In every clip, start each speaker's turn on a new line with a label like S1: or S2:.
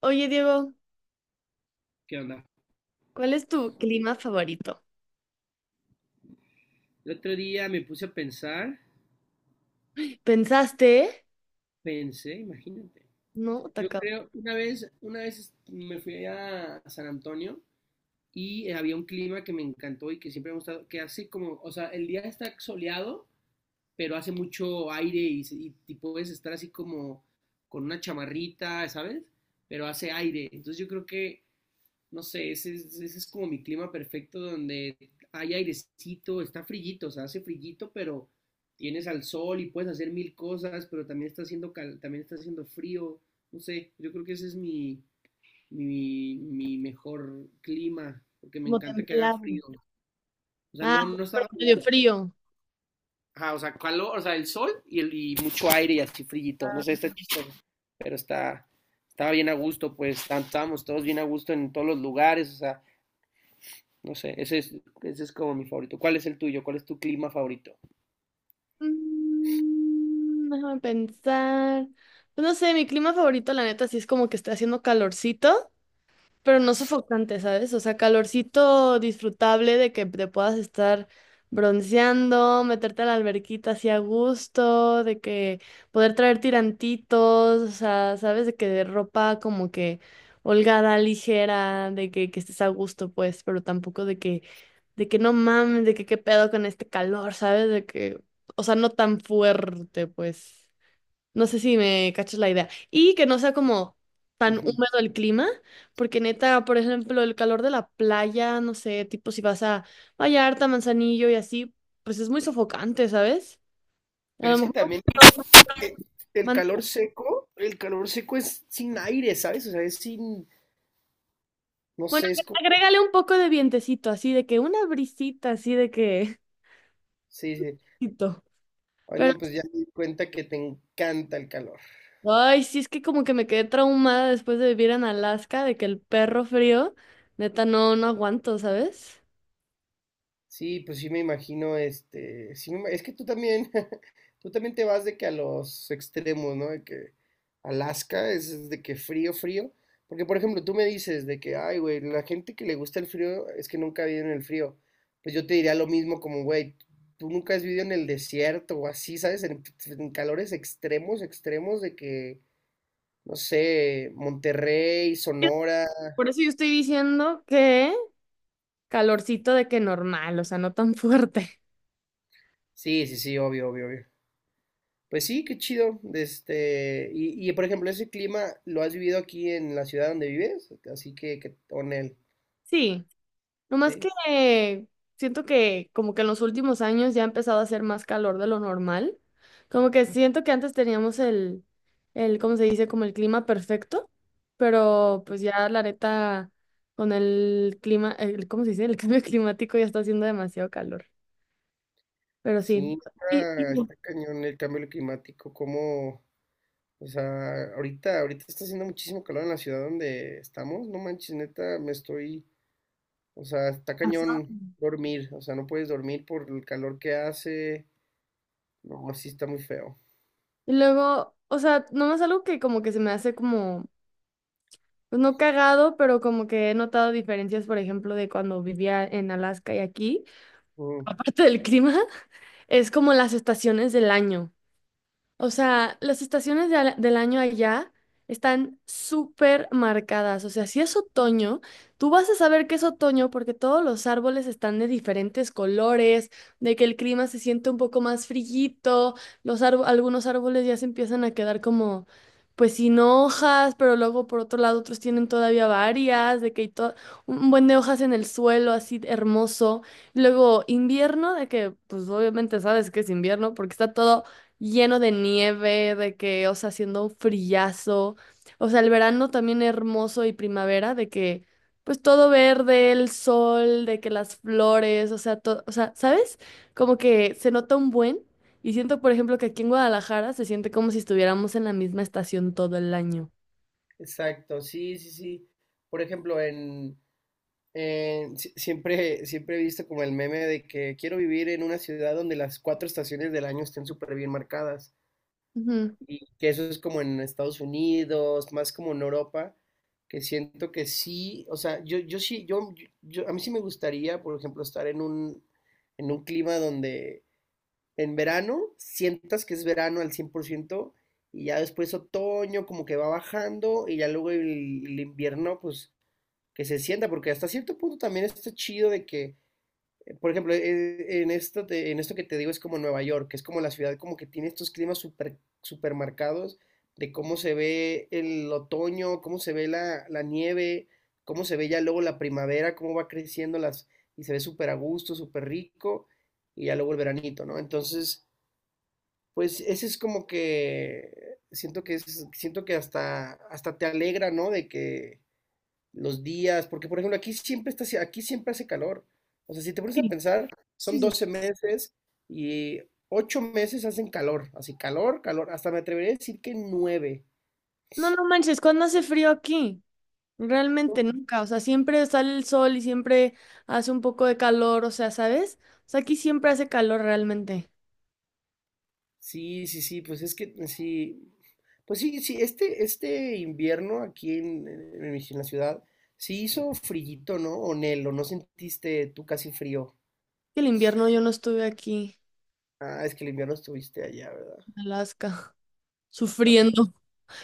S1: Oye, Diego,
S2: ¿Qué onda?
S1: ¿cuál es tu clima favorito?
S2: El otro día me puse a pensar,
S1: ¿Pensaste?
S2: pensé, imagínate.
S1: No, te
S2: Yo
S1: acabo.
S2: creo, una vez me fui a San Antonio y había un clima que me encantó y que siempre me ha gustado, que hace como, o sea, el día está soleado, pero hace mucho aire y puedes estar así como con una chamarrita, ¿sabes? Pero hace aire. Entonces yo creo que no sé, ese es como mi clima perfecto donde hay airecito, está frillito, o sea, hace frillito, pero tienes al sol y puedes hacer mil cosas, pero también está haciendo frío, no sé, yo creo que ese es mi mejor clima, porque me
S1: Como
S2: encanta que haga
S1: templado.
S2: frío. O sea,
S1: Ah,
S2: no, no
S1: pero
S2: está
S1: medio
S2: nublado.
S1: frío.
S2: Ajá, o sea, calor, o sea, el sol y mucho aire y así frillito, no
S1: Ah.
S2: sé, está chistoso, pero estaba bien a gusto, pues, estábamos todos bien a gusto en todos los lugares, o sea, no sé, ese es como mi favorito. ¿Cuál es el tuyo? ¿Cuál es tu clima favorito?
S1: Déjame pensar. Pues no sé, mi clima favorito, la neta, sí es como que está haciendo calorcito. Pero no sofocante, ¿sabes? O sea, calorcito disfrutable de que te puedas estar bronceando, meterte a la alberquita así a gusto, de que poder traer tirantitos, o sea, ¿sabes? De que de ropa como que holgada, ligera, de que estés a gusto, pues, pero tampoco de que, de que no mames, de que qué pedo con este calor, ¿sabes? De que, o sea, no tan fuerte, pues. No sé si me cachas la idea. Y que no sea como tan
S2: Ujú.
S1: húmedo el clima, porque neta, por ejemplo, el calor de la playa, no sé, tipo si vas a Vallarta, Manzanillo y así, pues es muy sofocante, ¿sabes? A
S2: Pero
S1: lo
S2: es que
S1: mejor un
S2: también
S1: calor
S2: eh, el
S1: más-
S2: calor seco, el calor seco es sin aire, ¿sabes? O sea, es sin, no
S1: bueno,
S2: sé, es como,
S1: agrégale un poco de vientecito, así de que una brisita, así de que...
S2: sí, sí. Ay,
S1: Pero,
S2: no, pues ya me di cuenta que te encanta el calor.
S1: ay, sí, es que como que me quedé traumada después de vivir en Alaska, de que el perro frío, neta, no aguanto, ¿sabes?
S2: Sí, pues sí me imagino, es que tú también, tú también te vas de que a los extremos, ¿no? De que Alaska es de que frío, frío, porque por ejemplo tú me dices de que, ay, güey, la gente que le gusta el frío es que nunca ha vivido en el frío, pues yo te diría lo mismo como, güey, tú nunca has vivido en el desierto o así, ¿sabes? En calores extremos, extremos de que, no sé, Monterrey,
S1: Yo-
S2: Sonora,
S1: Por eso yo estoy diciendo que... Calorcito de que normal, o sea, no tan fuerte.
S2: sí, sí, sí, obvio, obvio, obvio. Pues sí, qué chido. Por ejemplo, ese clima lo has vivido aquí en la ciudad donde vives, así que con él,
S1: Sí, nomás que
S2: ¿sí?
S1: siento que como que en los últimos años ya ha empezado a hacer más calor de lo normal. Como que siento que antes teníamos el, ¿cómo se dice? Como el clima perfecto, pero pues ya la neta con el clima, el, ¿cómo se dice? El cambio climático ya está haciendo demasiado calor. Pero sí.
S2: Sí,
S1: Y,
S2: está,
S1: y-
S2: está cañón el cambio climático, como, o sea, ahorita está haciendo muchísimo calor en la ciudad donde estamos, no manches, neta, o sea, está
S1: Ajá.
S2: cañón dormir, o sea, no puedes dormir por el calor que hace, no, así está muy feo.
S1: Y luego, o sea, nomás algo que como que se me hace como pues no cagado, pero como que he notado diferencias, por ejemplo, de cuando vivía en Alaska y aquí,
S2: Mm,
S1: aparte del clima, es como las estaciones del año. O sea, las estaciones del año allá están súper marcadas. O sea, si es otoño, tú vas a saber que es otoño porque todos los árboles están de diferentes colores, de que el clima se siente un poco más frillito, algunos árboles ya se empiezan a quedar como, pues sin hojas, pero luego por otro lado otros tienen todavía varias, de que un buen de hojas en el suelo, así hermoso. Luego invierno, de que pues obviamente sabes que es invierno porque está todo lleno de nieve, de que, o sea, haciendo un frillazo. O sea, el verano también hermoso y primavera, de que, pues todo verde, el sol, de que las flores, o sea, todo, o sea, ¿sabes? Como que se nota un buen. Y siento, por ejemplo, que aquí en Guadalajara se siente como si estuviéramos en la misma estación todo el año.
S2: exacto, sí, sí, sí. Por ejemplo. En si- Siempre, siempre he visto como el meme de que quiero vivir en una ciudad donde las cuatro estaciones del año estén súper bien marcadas.
S1: Ujú.
S2: Y que eso es como en Estados Unidos, más como en Europa, que siento que sí, o sea, yo sí, a mí sí me gustaría, por ejemplo, estar en un clima donde en verano sientas que es verano al 100% y ya después otoño como que va bajando y ya luego el invierno pues que se sienta, porque hasta cierto punto también está chido de que, por ejemplo, en esto que te digo es como Nueva York, que es como la ciudad como que tiene estos climas super, super marcados de cómo se ve el otoño, cómo se ve la nieve, cómo se ve ya luego la primavera, cómo va creciendo las, y se ve súper a gusto, súper rico, y ya luego el veranito, ¿no? Entonces, pues ese es como que siento que hasta te alegra, ¿no? De que los días, porque por ejemplo aquí siempre hace calor. O sea, si te pones a
S1: Sí,
S2: pensar,
S1: sí,
S2: son
S1: sí.
S2: 12 meses y 8 meses hacen calor, así calor, calor, hasta me atrevería a decir que 9.
S1: No, no manches, ¿cuándo hace frío aquí? Realmente nunca, o sea, siempre sale el sol y siempre hace un poco de calor, o sea, ¿sabes? O sea, aquí siempre hace calor realmente.
S2: Sí, sí, sí, pues es que sí, pues sí, sí, este invierno aquí en la ciudad, sí hizo frillito, ¿no? O Nelo, ¿no sentiste tú casi frío?
S1: El invierno yo no estuve aquí,
S2: Ah, es que el invierno estuviste allá, ¿verdad?
S1: en Alaska,
S2: No, pues,
S1: sufriendo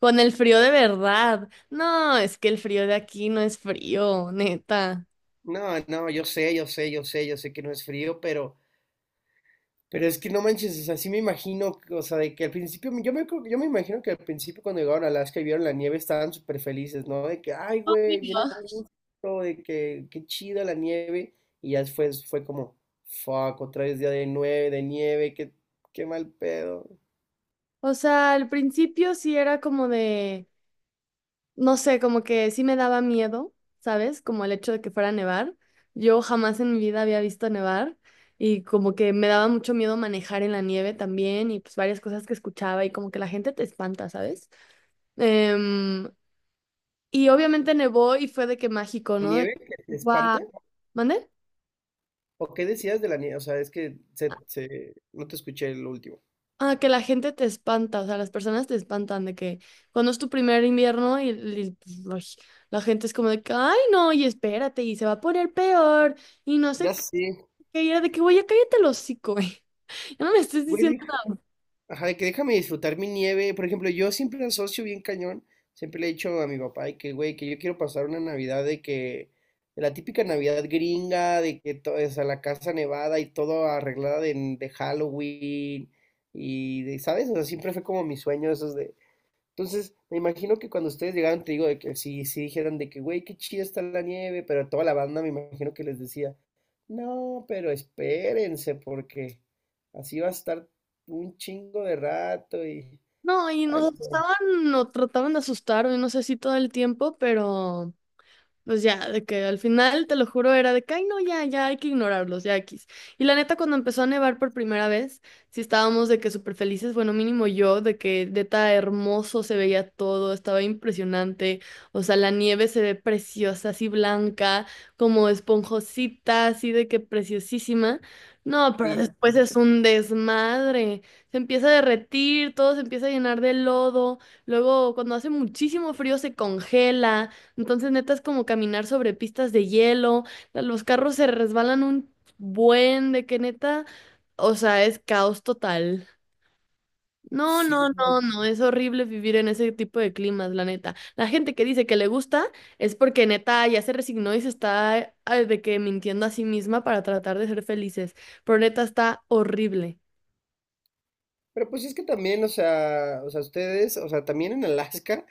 S1: con el frío de verdad. No, es que el frío de aquí no es frío, neta.
S2: no, no, yo sé, yo sé, yo sé, yo sé que no es frío, pero es que no manches, o sea, sí me imagino, o sea, de que al principio, yo me imagino que al principio cuando llegaron a Alaska y vieron la nieve estaban súper felices, ¿no? De que, ay, güey, viene a gusto, de que, qué chida la nieve. Y ya fue como, fuck, otra vez día de nieve, qué mal pedo.
S1: O sea, al principio sí era como de no sé, como que sí me daba miedo, ¿sabes? Como el hecho de que fuera a nevar. Yo jamás en mi vida había visto nevar y como que me daba mucho miedo manejar en la nieve también y pues varias cosas que escuchaba y como que la gente te espanta, ¿sabes? Em, y obviamente nevó y fue de que mágico,
S2: ¿La
S1: ¿no? De,
S2: nieve que te
S1: wow.
S2: espanta?
S1: ¿Mande?
S2: ¿O qué decías de la nieve? O sea, es que no te escuché el último.
S1: Ah, que la gente te espanta, o sea, las personas te espantan de que cuando es tu primer invierno pues, ay, la gente es como de que, ay, no, y espérate, y se va a poner peor y no sé
S2: Ya
S1: que
S2: sí,
S1: era de que, güey, ya cállate el hocico, güey. Ya no me estés diciendo.
S2: güey, ajá, de que déjame disfrutar mi nieve. Por ejemplo, yo siempre asocio bien cañón. Siempre le he dicho a mi papá de que, güey, que yo quiero pasar una Navidad de la típica Navidad gringa, de que todo es a la casa nevada y todo arreglada de Halloween. Y de, ¿sabes? O sea, siempre fue como mi sueño esos entonces, me imagino que cuando ustedes llegaron, te digo, de que si dijeran de que, güey, qué chida está la nieve, pero toda la banda me imagino que les decía, no, pero espérense, porque así va a estar un chingo de rato y,
S1: No, y
S2: ay,
S1: nos
S2: no sé,
S1: asustaban o trataban de asustar, y no sé si todo el tiempo, pero pues ya, de que al final, te lo juro, era de que, ay, no, ya hay que ignorarlos, ya X. Y la neta, cuando empezó a nevar por primera vez, sí estábamos de que súper felices, bueno, mínimo yo, de que neta hermoso se veía todo, estaba impresionante. O sea, la nieve se ve preciosa, así blanca, como esponjosita, así de que preciosísima. No, pero
S2: sí,
S1: después es un desmadre. Se empieza a derretir, todo se empieza a llenar de lodo. Luego, cuando hace muchísimo frío, se congela. Entonces, neta, es como caminar sobre pistas de hielo. Los carros se resbalan un buen de que neta, o sea, es caos total. No,
S2: sí,
S1: no,
S2: ¿no?
S1: no, no, es horrible vivir en ese tipo de climas, la neta. La gente que dice que le gusta es porque neta ya se resignó y se está ah, de que mintiendo a sí misma para tratar de ser felices. Pero neta está horrible.
S2: Pero pues es que también, o sea, ustedes, o sea, también en Alaska,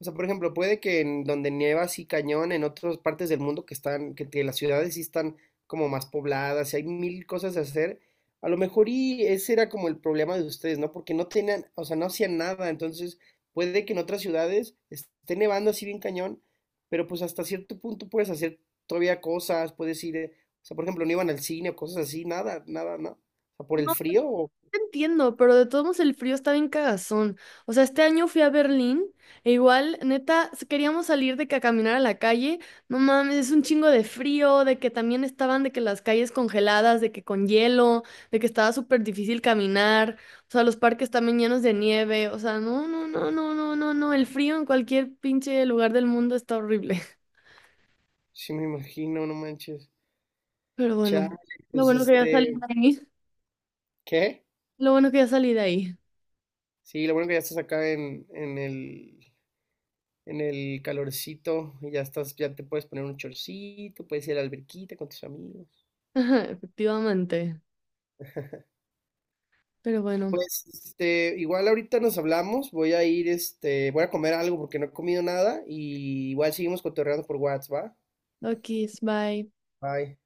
S2: o sea, por ejemplo, puede que en donde nieva así cañón, en otras partes del mundo que las ciudades sí están como más pobladas, y hay mil cosas a hacer, a lo mejor y ese era como el problema de ustedes, ¿no? Porque no tenían, o sea, no hacían nada, entonces puede que en otras ciudades esté nevando así bien cañón, pero pues hasta cierto punto puedes hacer todavía cosas, puedes ir, o sea, por ejemplo, no iban al cine o cosas así, nada, nada, ¿no? O sea, por el frío.
S1: Entiendo, pero de todos modos el frío está bien cagazón. O sea, este año fui a Berlín e igual, neta, queríamos salir de que a caminar a la calle. No mames, es un chingo de frío, de que también estaban de que las calles congeladas, de que con hielo, de que estaba súper difícil caminar. O sea, los parques también llenos de nieve. O sea, no, no, no, no, no, no, no. El frío en cualquier pinche lugar del mundo está horrible.
S2: Sí, me imagino, no manches.
S1: Pero bueno,
S2: Chale,
S1: lo
S2: pues
S1: bueno que ya salí de ahí.
S2: ¿qué?
S1: Lo bueno que ya salí de ahí.
S2: Sí, lo bueno que ya estás acá en el calorcito, y ya te puedes poner un chorcito, puedes ir a la alberquita con tus amigos.
S1: Ajá, efectivamente. Pero bueno.
S2: Pues, igual ahorita nos hablamos, voy a comer algo porque no he comido nada, y igual seguimos cotorreando por WhatsApp, ¿va?
S1: Ok, bye.
S2: Bye.